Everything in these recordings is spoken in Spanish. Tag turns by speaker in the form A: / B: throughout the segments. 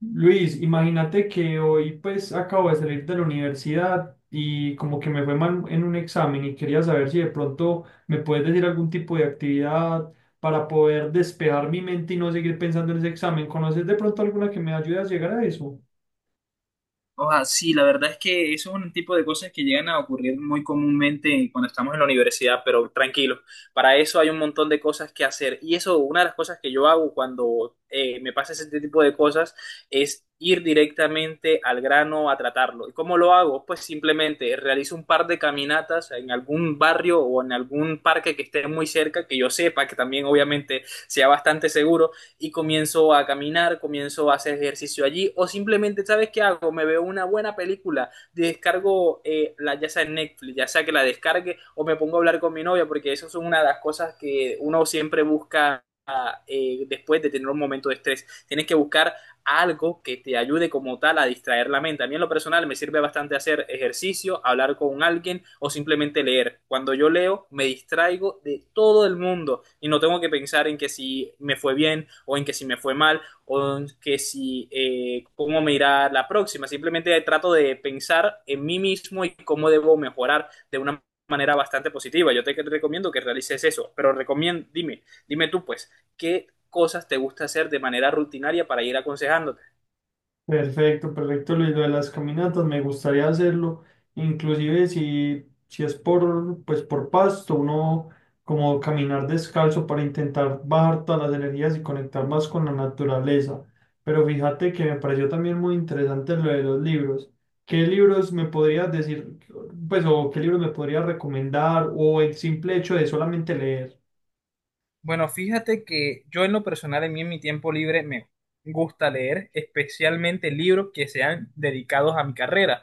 A: Luis, imagínate que hoy pues acabo de salir de la universidad y como que me fue mal en un examen y quería saber si de pronto me puedes decir algún tipo de actividad para poder despejar mi mente y no seguir pensando en ese examen. ¿Conoces de pronto alguna que me ayude a llegar a eso?
B: Oja, sí, la verdad es que eso es un tipo de cosas que llegan a ocurrir muy comúnmente cuando estamos en la universidad, pero tranquilo, para eso hay un montón de cosas que hacer. Y eso, una de las cosas que yo hago cuando me pasa ese tipo de cosas es ir directamente al grano a tratarlo. ¿Y cómo lo hago? Pues simplemente realizo un par de caminatas en algún barrio o en algún parque que esté muy cerca, que yo sepa que también obviamente sea bastante seguro y comienzo a caminar, comienzo a hacer ejercicio allí o simplemente, ¿sabes qué hago? Me veo una buena película, descargo ya sea en Netflix, ya sea que la descargue o me pongo a hablar con mi novia porque eso es una de las cosas que uno siempre busca después de tener un momento de estrés. Tienes que buscar algo que te ayude como tal a distraer la mente. A mí en lo personal me sirve bastante hacer ejercicio, hablar con alguien o simplemente leer. Cuando yo leo me distraigo de todo el mundo y no tengo que pensar en que si me fue bien o en que si me fue mal o en que si cómo me irá la próxima. Simplemente trato de pensar en mí mismo y cómo debo mejorar de una manera bastante positiva. Yo te recomiendo que realices eso, pero recomiendo, dime tú pues, ¿qué cosas te gusta hacer de manera rutinaria para ir aconsejando?
A: Perfecto, perfecto. Luis, lo de las caminatas me gustaría hacerlo, inclusive si es pues por pasto, uno como caminar descalzo para intentar bajar todas las energías y conectar más con la naturaleza. Pero fíjate que me pareció también muy interesante lo de los libros. ¿Qué libros me podrías decir, pues, o qué libros me podrías recomendar, o el simple hecho de solamente leer?
B: Bueno, fíjate que yo en lo personal, en mí, en mi tiempo libre, me gusta leer especialmente libros que sean dedicados a mi carrera.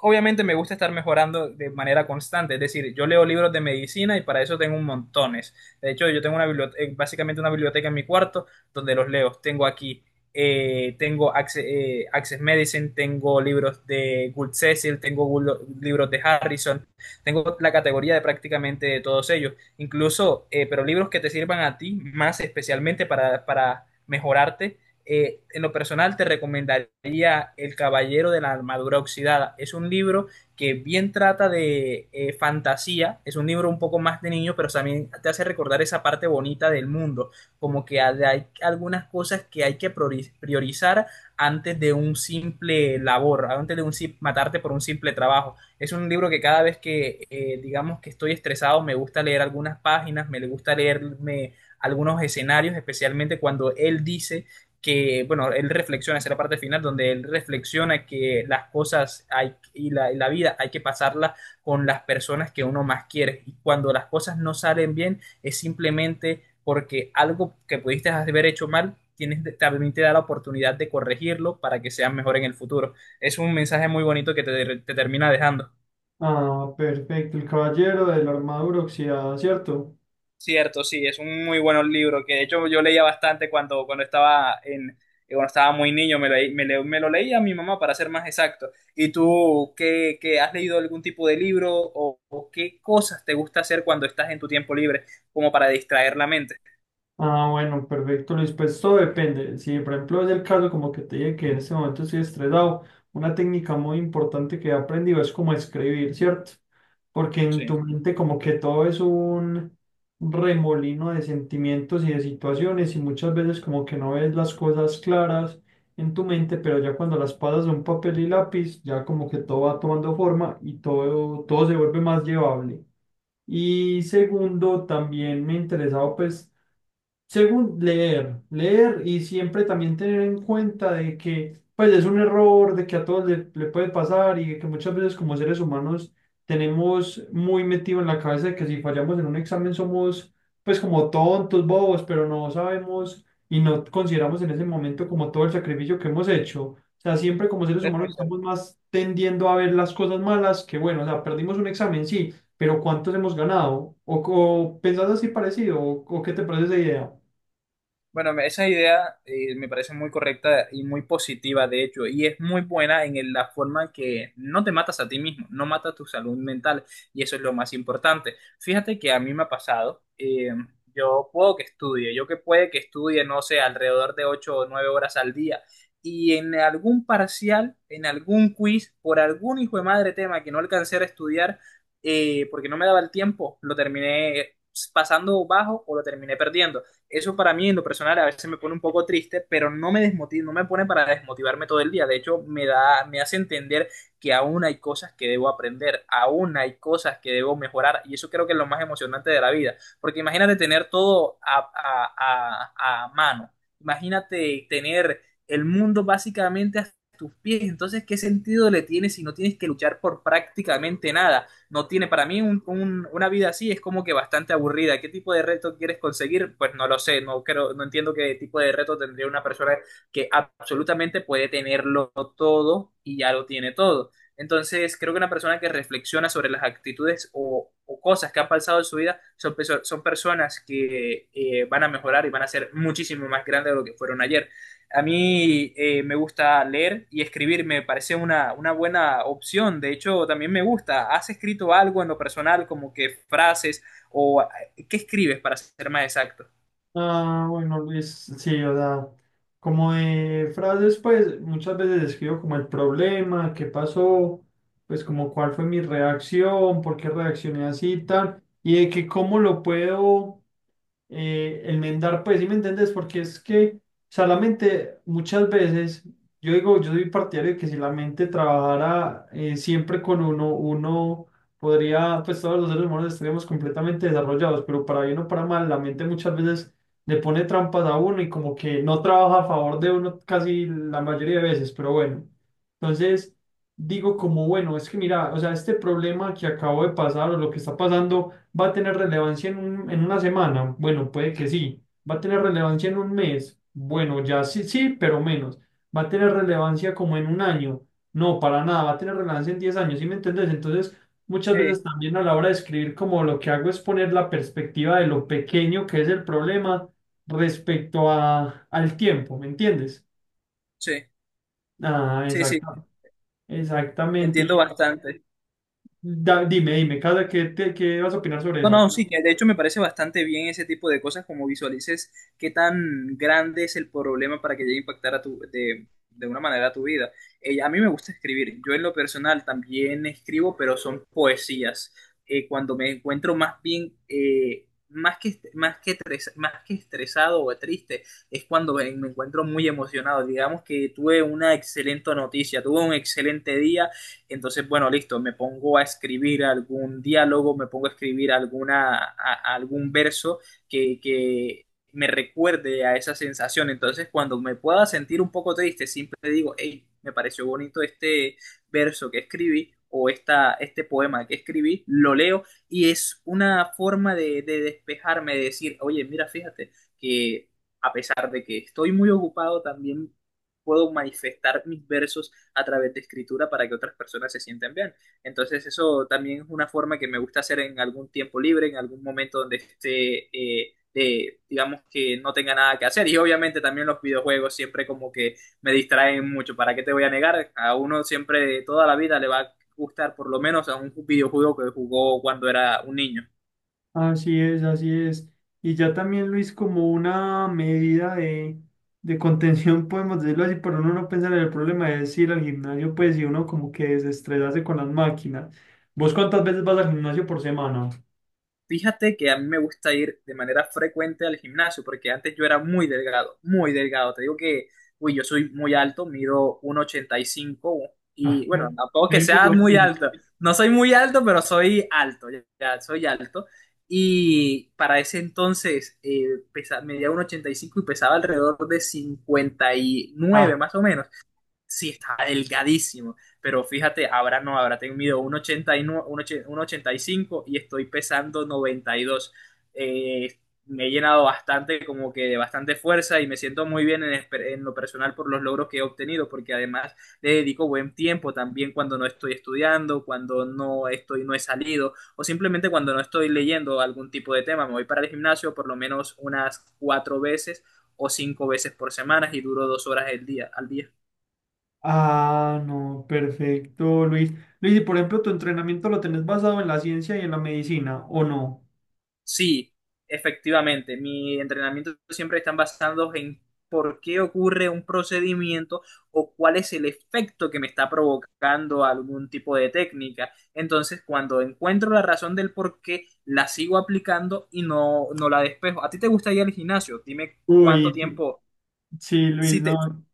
B: Obviamente me gusta estar mejorando de manera constante, es decir, yo leo libros de medicina y para eso tengo un montones. De hecho, yo tengo una biblioteca, básicamente una biblioteca en mi cuarto donde los leo. Tengo aquí, tengo Access, Medicine, tengo libros de Gould Cecil, libros de Harrison, tengo la categoría de prácticamente de todos ellos incluso, pero libros que te sirvan a ti más especialmente para mejorarte. En lo personal te recomendaría El Caballero de la Armadura Oxidada. Es un libro que bien trata de fantasía, es un libro un poco más de niño, pero también te hace recordar esa parte bonita del mundo, como que hay algunas cosas que hay que priorizar antes de un simple labor, antes de un matarte por un simple trabajo. Es un libro que cada vez que, digamos, que estoy estresado, me gusta leer algunas páginas, me gusta leerme algunos escenarios, especialmente cuando él dice que, bueno, él reflexiona, esa es la parte final, donde él reflexiona que las cosas hay, y la vida hay que pasarla con las personas que uno más quiere. Y cuando las cosas no salen bien, es simplemente porque algo que pudiste haber hecho mal tienes, también te da la oportunidad de corregirlo para que seas mejor en el futuro. Es un mensaje muy bonito que te termina dejando.
A: Ah, perfecto, El Caballero de la Armadura Oxidada, ¿cierto?
B: Cierto, sí, es un muy buen libro que de hecho yo leía bastante cuando estaba en, cuando estaba muy niño, me lo leía a mi mamá para ser más exacto. ¿Y tú qué has leído algún tipo de libro o qué cosas te gusta hacer cuando estás en tu tiempo libre como para distraer la mente?
A: Ah, bueno, perfecto, Luis. Pues todo depende. Si, por ejemplo, es el caso, como que te dije que en este momento estoy estresado, una técnica muy importante que he aprendido es como escribir, ¿cierto? Porque en
B: Sí,
A: tu mente como que todo es un remolino de sentimientos y de situaciones, y muchas veces como que no ves las cosas claras en tu mente, pero ya cuando las pasas a un papel y lápiz, ya como que todo va tomando forma y todo se vuelve más llevable. Y segundo, también me interesaba pues según leer, leer, y siempre también tener en cuenta de que pues es un error, de que a todos le puede pasar, y que muchas veces como seres humanos tenemos muy metido en la cabeza de que si fallamos en un examen somos pues como tontos, bobos, pero no sabemos y no consideramos en ese momento como todo el sacrificio que hemos hecho. O sea, siempre como seres
B: es
A: humanos
B: muy cierto.
A: estamos más tendiendo a ver las cosas malas que bueno. O sea, perdimos un examen, sí, pero ¿cuántos hemos ganado? O pensás así parecido, o ¿qué te parece esa idea?
B: Bueno, esa idea me parece muy correcta y muy positiva, de hecho, y es muy buena en la forma que no te matas a ti mismo, no matas tu salud mental, y eso es lo más importante. Fíjate que a mí me ha pasado, yo puedo que estudie, yo que puede que estudie, no sé, alrededor de 8, o 9 horas al día, y en algún parcial, en algún quiz, por algún hijo de madre tema que no alcancé a estudiar, porque no me daba el tiempo, lo terminé pasando bajo o lo terminé perdiendo. Eso para mí en lo personal a veces me pone un poco triste, pero no me desmotiva, no me pone para desmotivarme todo el día. De hecho, me hace entender que aún hay cosas que debo aprender, aún hay cosas que debo mejorar, y eso creo que es lo más emocionante de la vida, porque imagínate tener todo a mano, imagínate tener el mundo básicamente a tus pies, entonces, ¿qué sentido le tiene si no tienes que luchar por prácticamente nada? No tiene para mí una vida así es como que bastante aburrida. ¿Qué tipo de reto quieres conseguir? Pues no lo sé, no creo, no entiendo qué tipo de reto tendría una persona que absolutamente puede tenerlo todo y ya lo tiene todo. Entonces, creo que una persona que reflexiona sobre las actitudes o cosas que han pasado en su vida son personas que van a mejorar y van a ser muchísimo más grandes de lo que fueron ayer. A mí me gusta leer y escribir, me parece una buena opción. De hecho, también me gusta. ¿Has escrito algo en lo personal, como que frases o qué escribes para ser más exacto?
A: Ah, bueno, sí, o sea, como de frases, pues muchas veces escribo como el problema, qué pasó, pues como cuál fue mi reacción, por qué reaccioné así y tal, y de que cómo lo puedo el mendar, pues, ¿sí me entendés? Porque es que, o sea, la mente muchas veces, yo digo, yo soy partidario de que si la mente trabajara siempre con uno, uno podría, pues todos los seres humanos estaríamos completamente desarrollados, pero para bien o para mal, la mente muchas veces le pone trampas a uno y como que no trabaja a favor de uno casi la mayoría de veces, pero bueno, entonces digo como, bueno, es que mira, o sea, este problema que acabo de pasar o lo que está pasando, ¿va a tener relevancia en en una semana? Bueno, puede que sí. ¿Va a tener relevancia en un mes? Bueno, ya sí, sí, pero menos. ¿Va a tener relevancia como en un año? No, para nada. ¿Va a tener relevancia en 10 años? ¿Sí me entendés? Entonces, muchas
B: Sí,
A: veces también a la hora de escribir, como lo que hago es poner la perspectiva de lo pequeño que es el problema respecto al tiempo, ¿me entiendes?
B: sí,
A: Ah,
B: sí,
A: exacto,
B: te
A: exactamente.
B: entiendo bastante.
A: Dime, dime, Casa, ¿qué, qué vas a opinar sobre
B: No,
A: eso?
B: no, sí, que de hecho me parece bastante bien ese tipo de cosas, como visualices qué tan grande es el problema para que llegue a impactar a de una manera a tu vida. A mí me gusta escribir, yo en lo personal también escribo, pero son poesías. Cuando me encuentro más bien, más que estresado o triste, es cuando me encuentro muy emocionado. Digamos que tuve una excelente noticia, tuve un excelente día entonces, bueno, listo, me pongo a escribir algún diálogo, me pongo a escribir algún verso que me recuerde a esa sensación. Entonces, cuando me pueda sentir un poco triste, siempre digo, hey, me pareció bonito este verso que escribí o este poema que escribí, lo leo y es una forma de despejarme, de decir, oye, mira, fíjate que a pesar de que estoy muy ocupado, también puedo manifestar mis versos a través de escritura para que otras personas se sientan bien. Entonces eso también es una forma que me gusta hacer en algún tiempo libre, en algún momento donde esté, digamos que no tenga nada que hacer. Y obviamente también los videojuegos siempre como que me distraen mucho. ¿Para qué te voy a negar? A uno siempre toda la vida le va a gustar por lo menos a un videojuego que jugó cuando era un niño.
A: Así es, así es. Y ya también, Luis, como una medida de, contención, podemos decirlo así, pero uno no pensar en el problema de ir al gimnasio, pues, y uno como que desestresarse con las máquinas. ¿Vos cuántas veces vas al gimnasio por semana?
B: Fíjate que a mí me gusta ir de manera frecuente al gimnasio, porque antes yo era muy delgado, muy delgado. Te digo que, uy, yo soy muy alto, mido 1,85 y cinco
A: Ah,
B: y bueno, tampoco que sea
A: lo
B: muy
A: mismo.
B: alto. No soy muy alto, pero soy alto, ya, ya soy alto. Y para ese entonces medía 1,85 y cinco y pesaba alrededor de 59
A: Ah,
B: más o menos. Sí, está delgadísimo. Pero fíjate, ahora no, ahora tengo mido 1,89, ochenta y nueve, uno ochenta y cinco y estoy pesando 92. Eh, Me he llenado bastante, como que de bastante fuerza y me siento muy bien en, en lo personal por los logros que he obtenido, porque además le dedico buen tiempo también cuando no estoy estudiando, cuando no estoy, no he salido o simplemente cuando no estoy leyendo algún tipo de tema. Me voy para el gimnasio por lo menos unas 4 veces o 5 veces por semana y duro 2 horas el día, al día.
A: ah, no, perfecto, Luis. Luis, y por ejemplo, ¿tu entrenamiento lo tenés basado en la ciencia y en la medicina o no?
B: Sí, efectivamente. Mi entrenamiento siempre están basados en por qué ocurre un procedimiento o cuál es el efecto que me está provocando algún tipo de técnica. Entonces, cuando encuentro la razón del por qué, la sigo aplicando y no, no la despejo. ¿A ti te gusta ir al gimnasio? Dime
A: Uy,
B: cuánto
A: sí,
B: tiempo.
A: sí, Luis,
B: Si te...
A: no.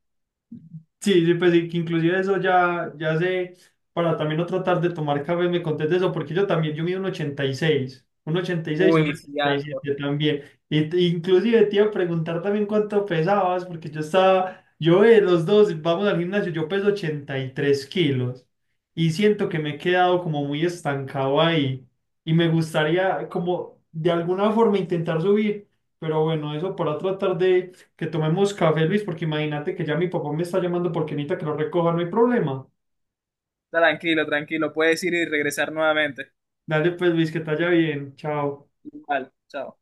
A: Sí, sí, pues sí, que inclusive eso ya, ya sé, para también no tratar de tomar café, me contés eso, porque yo también, yo mido 1,86 un
B: Uy, sí,
A: ochenta y
B: algo.
A: siete también. Y, inclusive te iba a preguntar también cuánto pesabas, porque yo los dos vamos al gimnasio, yo peso 83 kilos y siento que me he quedado como muy estancado ahí, y me gustaría como de alguna forma intentar subir, pero bueno, eso para tratar de que tomemos café, Luis, porque imagínate que ya mi papá me está llamando porque necesita que lo recoja, no hay problema.
B: Tranquilo, tranquilo. Puedes ir y regresar nuevamente.
A: Dale pues, Luis, que te vaya bien. Chao.
B: Igual, chao.